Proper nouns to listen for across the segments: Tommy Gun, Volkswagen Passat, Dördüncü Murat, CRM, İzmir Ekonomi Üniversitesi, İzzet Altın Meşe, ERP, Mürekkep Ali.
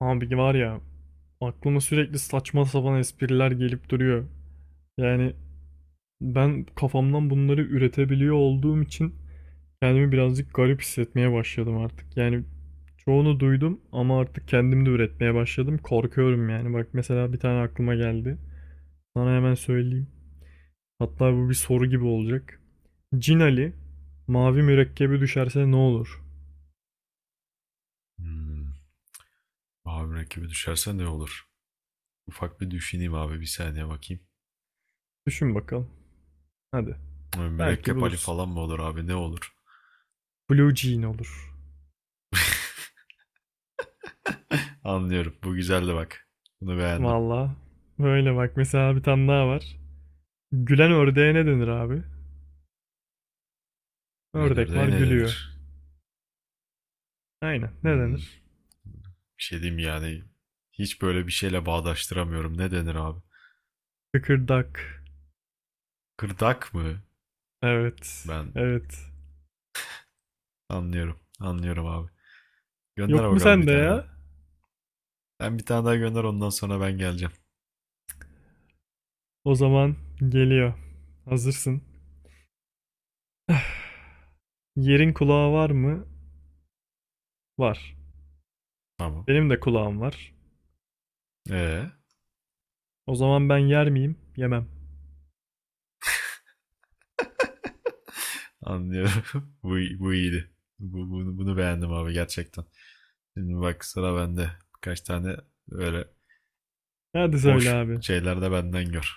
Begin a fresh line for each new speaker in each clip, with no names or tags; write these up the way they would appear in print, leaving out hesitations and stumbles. Abi var ya aklıma sürekli saçma sapan espriler gelip duruyor. Yani ben kafamdan bunları üretebiliyor olduğum için kendimi birazcık garip hissetmeye başladım artık. Yani çoğunu duydum ama artık kendim de üretmeye başladım. Korkuyorum yani. Bak mesela bir tane aklıma geldi. Sana hemen söyleyeyim. Hatta bu bir soru gibi olacak. Cin Ali mavi mürekkebi düşerse ne olur?
Hmm. Abi rakibi düşerse ne olur? Ufak bir düşüneyim abi bir saniye bakayım.
Düşün bakalım. Hadi.
Ay,
Belki
Mürekkep Ali
bulursun.
falan mı olur abi ne olur?
Blue Jean olur.
Anlıyorum. Bu güzeldi bak. Bunu beğendim.
Valla. Böyle bak mesela bir tane daha var. Gülen ördeğe ne denir abi? Ördek var
Planörde ne
gülüyor.
denir?
Aynen. Ne
Hmm.
denir?
Bir şey diyeyim yani. Hiç böyle bir şeyle bağdaştıramıyorum. Ne denir abi?
Kıkırdak.
Kırdak mı?
Evet.
Ben
Evet.
anlıyorum. Anlıyorum abi. Gönder
Yok mu
bakalım bir
sende
tane
ya?
daha. Ben bir tane daha gönder ondan sonra ben geleceğim.
O zaman geliyor. Hazırsın. Yerin kulağı var mı? Var.
Tamam.
Benim de kulağım var.
Ee,
O zaman ben yer miyim? Yemem.
anlıyorum. Bu iyiydi. Bu, bunu beğendim abi gerçekten. Şimdi bak sıra bende. Birkaç tane böyle
Hadi söyle
boş
abi.
şeyler de benden gör.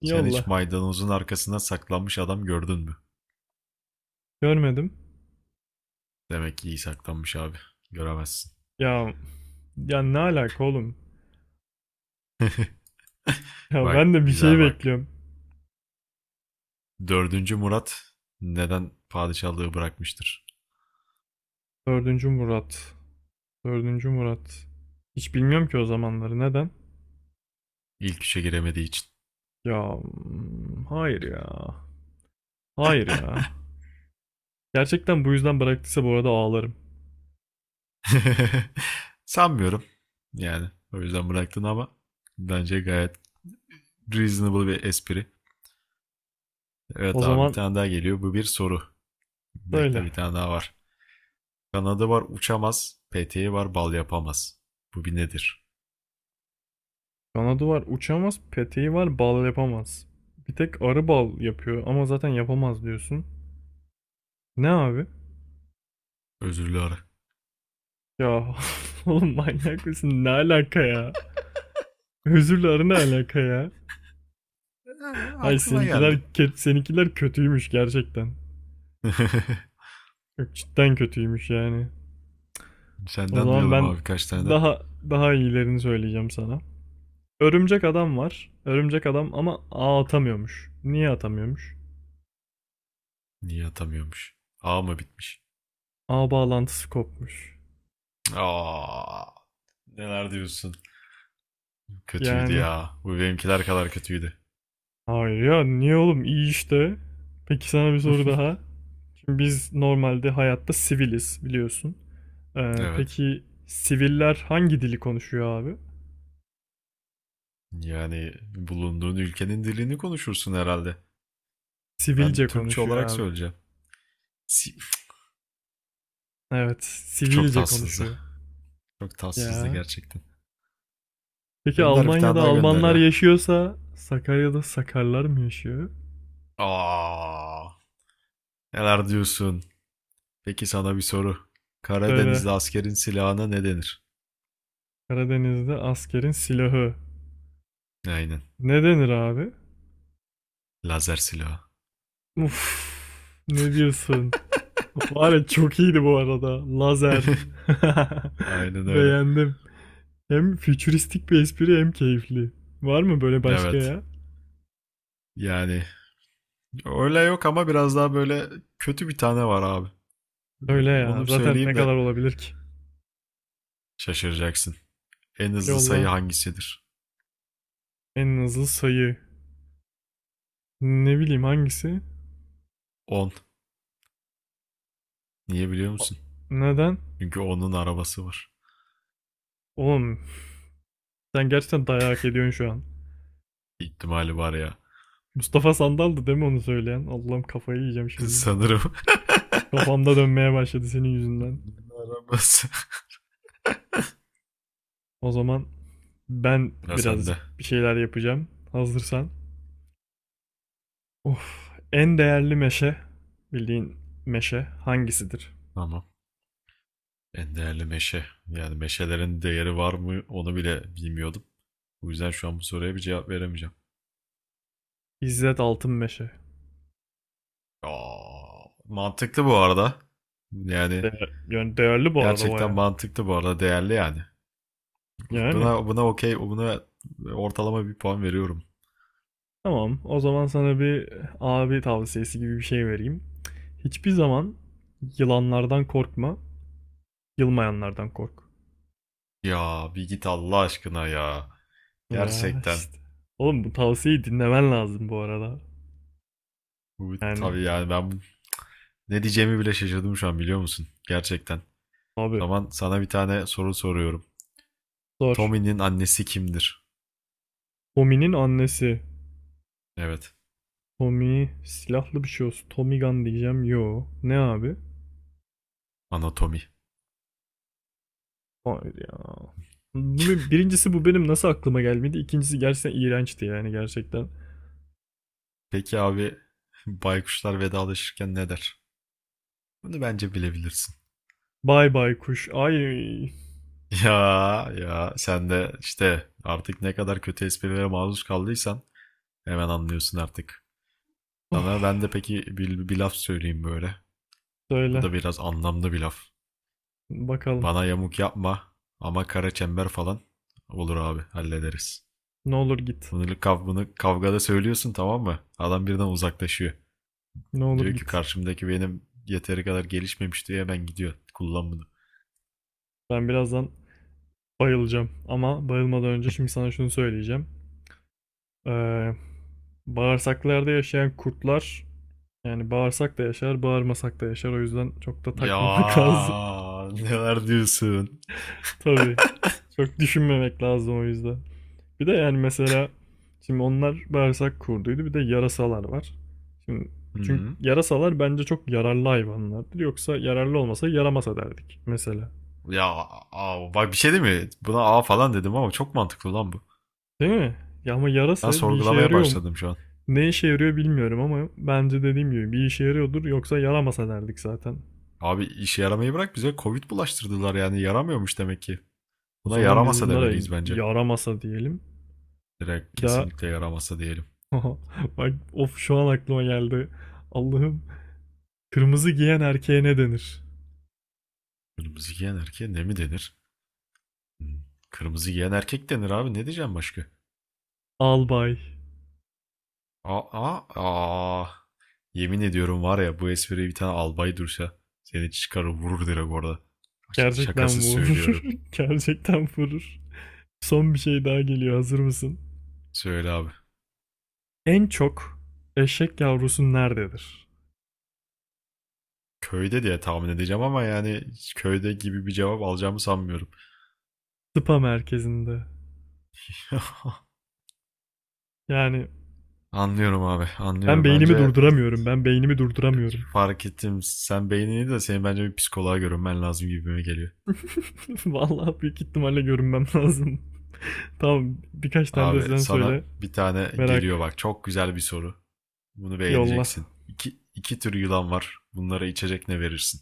Sen hiç
Yolla.
maydanozun arkasına saklanmış adam gördün mü?
Görmedim.
Demek ki iyi saklanmış abi. Göremezsin.
Ya ya ne alaka oğlum? Ya
Bak
ben de bir şey
güzel bak.
bekliyorum.
Dördüncü Murat neden padişahlığı bırakmıştır?
Dördüncü Murat. Dördüncü Murat. Hiç bilmiyorum ki o zamanları. Neden?
İlk üçe giremediği için.
Ya hayır ya. Hayır ya. Gerçekten bu yüzden bıraktıysa bu arada ağlarım.
Sanmıyorum. Yani o yüzden bıraktın ama bence gayet reasonable bir espri.
O
Evet abi bir
zaman
tane daha geliyor. Bu bir soru.
söyle.
Bekle bir tane daha var. Kanadı var uçamaz. Peteği var bal yapamaz. Bu bir nedir?
Kanadı var uçamaz, peteği var bal yapamaz. Bir tek arı bal yapıyor ama zaten yapamaz diyorsun. Ne abi?
Özürlü ara.
Ya oğlum manyak mısın? Ne alaka ya? Özürle arı ne alaka ya?
Ee,
Ay
aklıma
seninkiler,
geldi.
seninkiler kötüymüş gerçekten. Yok cidden kötüymüş yani. O
Senden
zaman
duyalım
ben
abi kaç tane.
daha daha iyilerini söyleyeceğim sana. Örümcek adam var. Örümcek adam ama ağ atamıyormuş. Niye atamıyormuş?
Niye atamıyormuş? A mı bitmiş?
Ağ bağlantısı kopmuş.
Aa, neler diyorsun? Kötüydü
Yani
ya. Bu benimkiler kadar kötüydü.
hayır ya niye oğlum iyi işte. Peki sana bir soru daha. Şimdi biz normalde hayatta siviliz biliyorsun.
evet.
Peki siviller hangi dili konuşuyor abi?
Yani bulunduğun ülkenin dilini konuşursun herhalde. Ben
Sivilce
Türkçe
konuşuyor
olarak
abi.
söyleyeceğim. Si-
Evet,
Çok
sivilce
tatsızdı.
konuşuyor.
Çok tatsızdı
Ya.
gerçekten.
Peki
Gönder bir tane
Almanya'da
daha gönder
Almanlar
ya.
yaşıyorsa Sakarya'da Sakarlar mı yaşıyor?
Aa, neler diyorsun? Peki sana bir soru.
Söyle.
Karadenizli askerin silahına ne denir?
Karadeniz'de askerin silahı.
Aynen.
Ne denir abi?
Lazer silahı.
Uf, ne diyorsun? Var ya çok iyiydi bu arada. Lazer.
Aynen öyle.
Beğendim. Hem fütüristik bir espri hem keyifli. Var mı böyle başka
Evet.
ya?
Yani öyle yok ama biraz daha böyle kötü bir tane var abi.
Söyle
Böyle, onu
ya.
bir
Zaten ne
söyleyeyim de
kadar olabilir ki?
şaşıracaksın. En hızlı sayı
Yolla.
hangisidir?
En hızlı sayı. Ne bileyim hangisi?
10. Niye biliyor
A-
musun?
Neden?
Çünkü onun arabası var.
Oğlum sen gerçekten dayak ediyorsun şu an.
İhtimali var ya.
Mustafa Sandal'dı değil mi onu söyleyen? Allah'ım kafayı yiyeceğim şimdi.
Sanırım.
Kafamda dönmeye başladı senin yüzünden.
Onun arabası.
O zaman ben
Ya sende.
birazcık bir şeyler yapacağım. Hazırsan. Of, en değerli meşe, bildiğin meşe hangisidir?
Tamam. En değerli meşe. Yani meşelerin değeri var mı onu bile bilmiyordum. Bu yüzden şu an bu soruya bir cevap veremeyeceğim.
İzzet Altın Meşe.
Aa, mantıklı bu arada. Yani
Yani değerli bu arada
gerçekten
baya.
mantıklı bu arada değerli yani. Buna
Yani.
buna okey, buna ortalama bir puan veriyorum.
Tamam, o zaman sana bir abi tavsiyesi gibi bir şey vereyim. Hiçbir zaman yılanlardan korkma, yılmayanlardan kork.
Ya bir git Allah aşkına ya.
Ya
Gerçekten.
işte. Oğlum bu tavsiyeyi dinlemen lazım bu arada.
Bu
Yani
tabii yani ben ne diyeceğimi bile şaşırdım şu an biliyor musun? Gerçekten. O
abi
zaman sana bir tane soru soruyorum.
zor.
Tommy'nin annesi kimdir?
Tommy'nin annesi.
Evet,
Tommy silahlı bir şey olsun. Tommy Gun diyeceğim. Yo. Ne abi?
anatomi.
Hayır ya. Birincisi bu benim nasıl aklıma gelmedi. İkincisi gerçekten iğrençti yani gerçekten.
Peki abi baykuşlar vedalaşırken ne der? Bunu bence bilebilirsin.
Bay bay kuş. Ay.
Ya ya sen de işte artık ne kadar kötü esprilere maruz kaldıysan hemen anlıyorsun artık. Sana ben
Ah,
de peki bir laf söyleyeyim böyle. Bu
söyle.
da biraz anlamlı bir laf.
Bakalım.
Bana yamuk yapma ama kara çember falan olur abi hallederiz.
Ne olur git.
Bunu, bunu kavgada söylüyorsun tamam mı? Adam birden uzaklaşıyor.
Ne olur
Diyor ki
git.
karşımdaki benim yeteri kadar gelişmemiş diye ben gidiyor. Kullan bunu.
Ben birazdan bayılacağım. Ama bayılmadan önce şimdi sana şunu söyleyeceğim. Ee, Bağırsaklarda yaşayan kurtlar yani bağırsak da yaşar, bağırmasak da yaşar. O yüzden çok da
Ya
takmamak lazım.
neler diyorsun?
Tabii. Çok düşünmemek lazım o yüzden. Bir de yani mesela şimdi onlar bağırsak kurduydu. Bir de yarasalar var. Şimdi çünkü
Hı.
yarasalar bence çok yararlı hayvanlardır. Yoksa yararlı olmasa yaramasa derdik mesela.
Ya aa, bak bir şey değil mi? Buna A falan dedim ama çok mantıklı lan bu.
Değil mi? Ya ama
Ben
yarasa bir işe
sorgulamaya
yarıyor mu?
başladım şu an.
Ne işe yarıyor bilmiyorum ama bence dediğim gibi bir işe yarıyordur yoksa yaramasa derdik zaten.
Abi işe yaramayı bırak bize Covid bulaştırdılar yani yaramıyormuş demek ki.
O
Buna
zaman biz
yaramasa
bunlara
demeliyiz bence.
yaramasa diyelim.
Direkt
Bir daha
kesinlikle yaramasa diyelim.
bak of şu an aklıma geldi. Allah'ım, kırmızı giyen erkeğe ne denir?
Kırmızı giyen erkeğe ne mi denir? Hı. Kırmızı giyen erkek denir abi ne diyeceğim başka?
Albay.
Aa, aa. Yemin ediyorum var ya bu espriyi bir tane albay dursa seni çıkarır vurur direkt orada.
Gerçekten
Şakasız
vurur.
söylüyorum.
Gerçekten vurur. Son bir şey daha geliyor. Hazır mısın?
Söyle abi.
En çok eşek yavrusu nerededir?
Köyde diye tahmin edeceğim ama yani köyde gibi bir cevap alacağımı sanmıyorum.
Spa merkezinde. Yani
Anlıyorum abi,
ben
anlıyorum.
beynimi
Bence
durduramıyorum. Ben beynimi durduramıyorum.
fark ettim. Sen beynini de senin bence bir psikoloğa görünmen lazım gibime geliyor.
Vallahi büyük ihtimalle görünmem lazım. Tamam, birkaç tane de
Abi
sen
sana
söyle.
bir tane geliyor
Merak.
bak. Çok güzel bir soru. Bunu
Yolla.
beğeneceksin. İki tür yılan var. Bunlara içecek ne verirsin?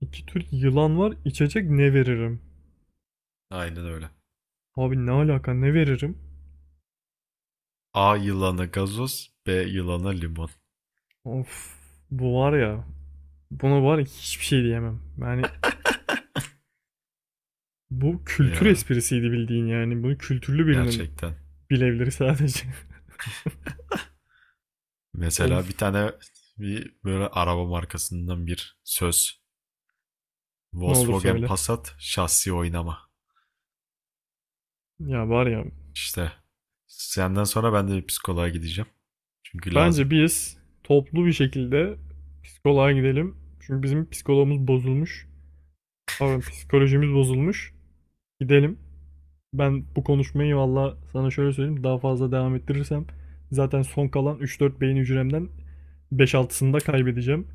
İki tür yılan var. İçecek ne veririm?
Aynen öyle.
Abi ne alaka ne veririm?
A yılanı gazoz, B yılanı limon.
Of bu var ya buna var ya hiçbir şey diyemem. Yani bu kültür
Ya
esprisiydi bildiğin yani. Bunu kültürlü birinin
gerçekten.
bilebilir sadece.
Mesela
Of,
bir tane bir böyle araba markasından bir söz.
ne olur
Volkswagen
söyle.
Passat şahsi oynama.
Ya var ya
İşte senden sonra ben de bir psikoloğa gideceğim. Çünkü lazım.
bence biz toplu bir şekilde psikoloğa gidelim. Çünkü bizim psikologumuz bozulmuş. Pardon psikolojimiz bozulmuş. Gidelim. Ben bu konuşmayı valla sana şöyle söyleyeyim. Daha fazla devam ettirirsem zaten son kalan üç dört beyin hücremden beş 6'sını da kaybedeceğim.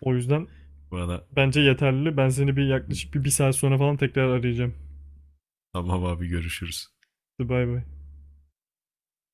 O yüzden
Bana
bence yeterli. Ben seni bir yaklaşık bir saat sonra falan tekrar arayacağım.
tamam abi görüşürüz.
Hadi bay bay.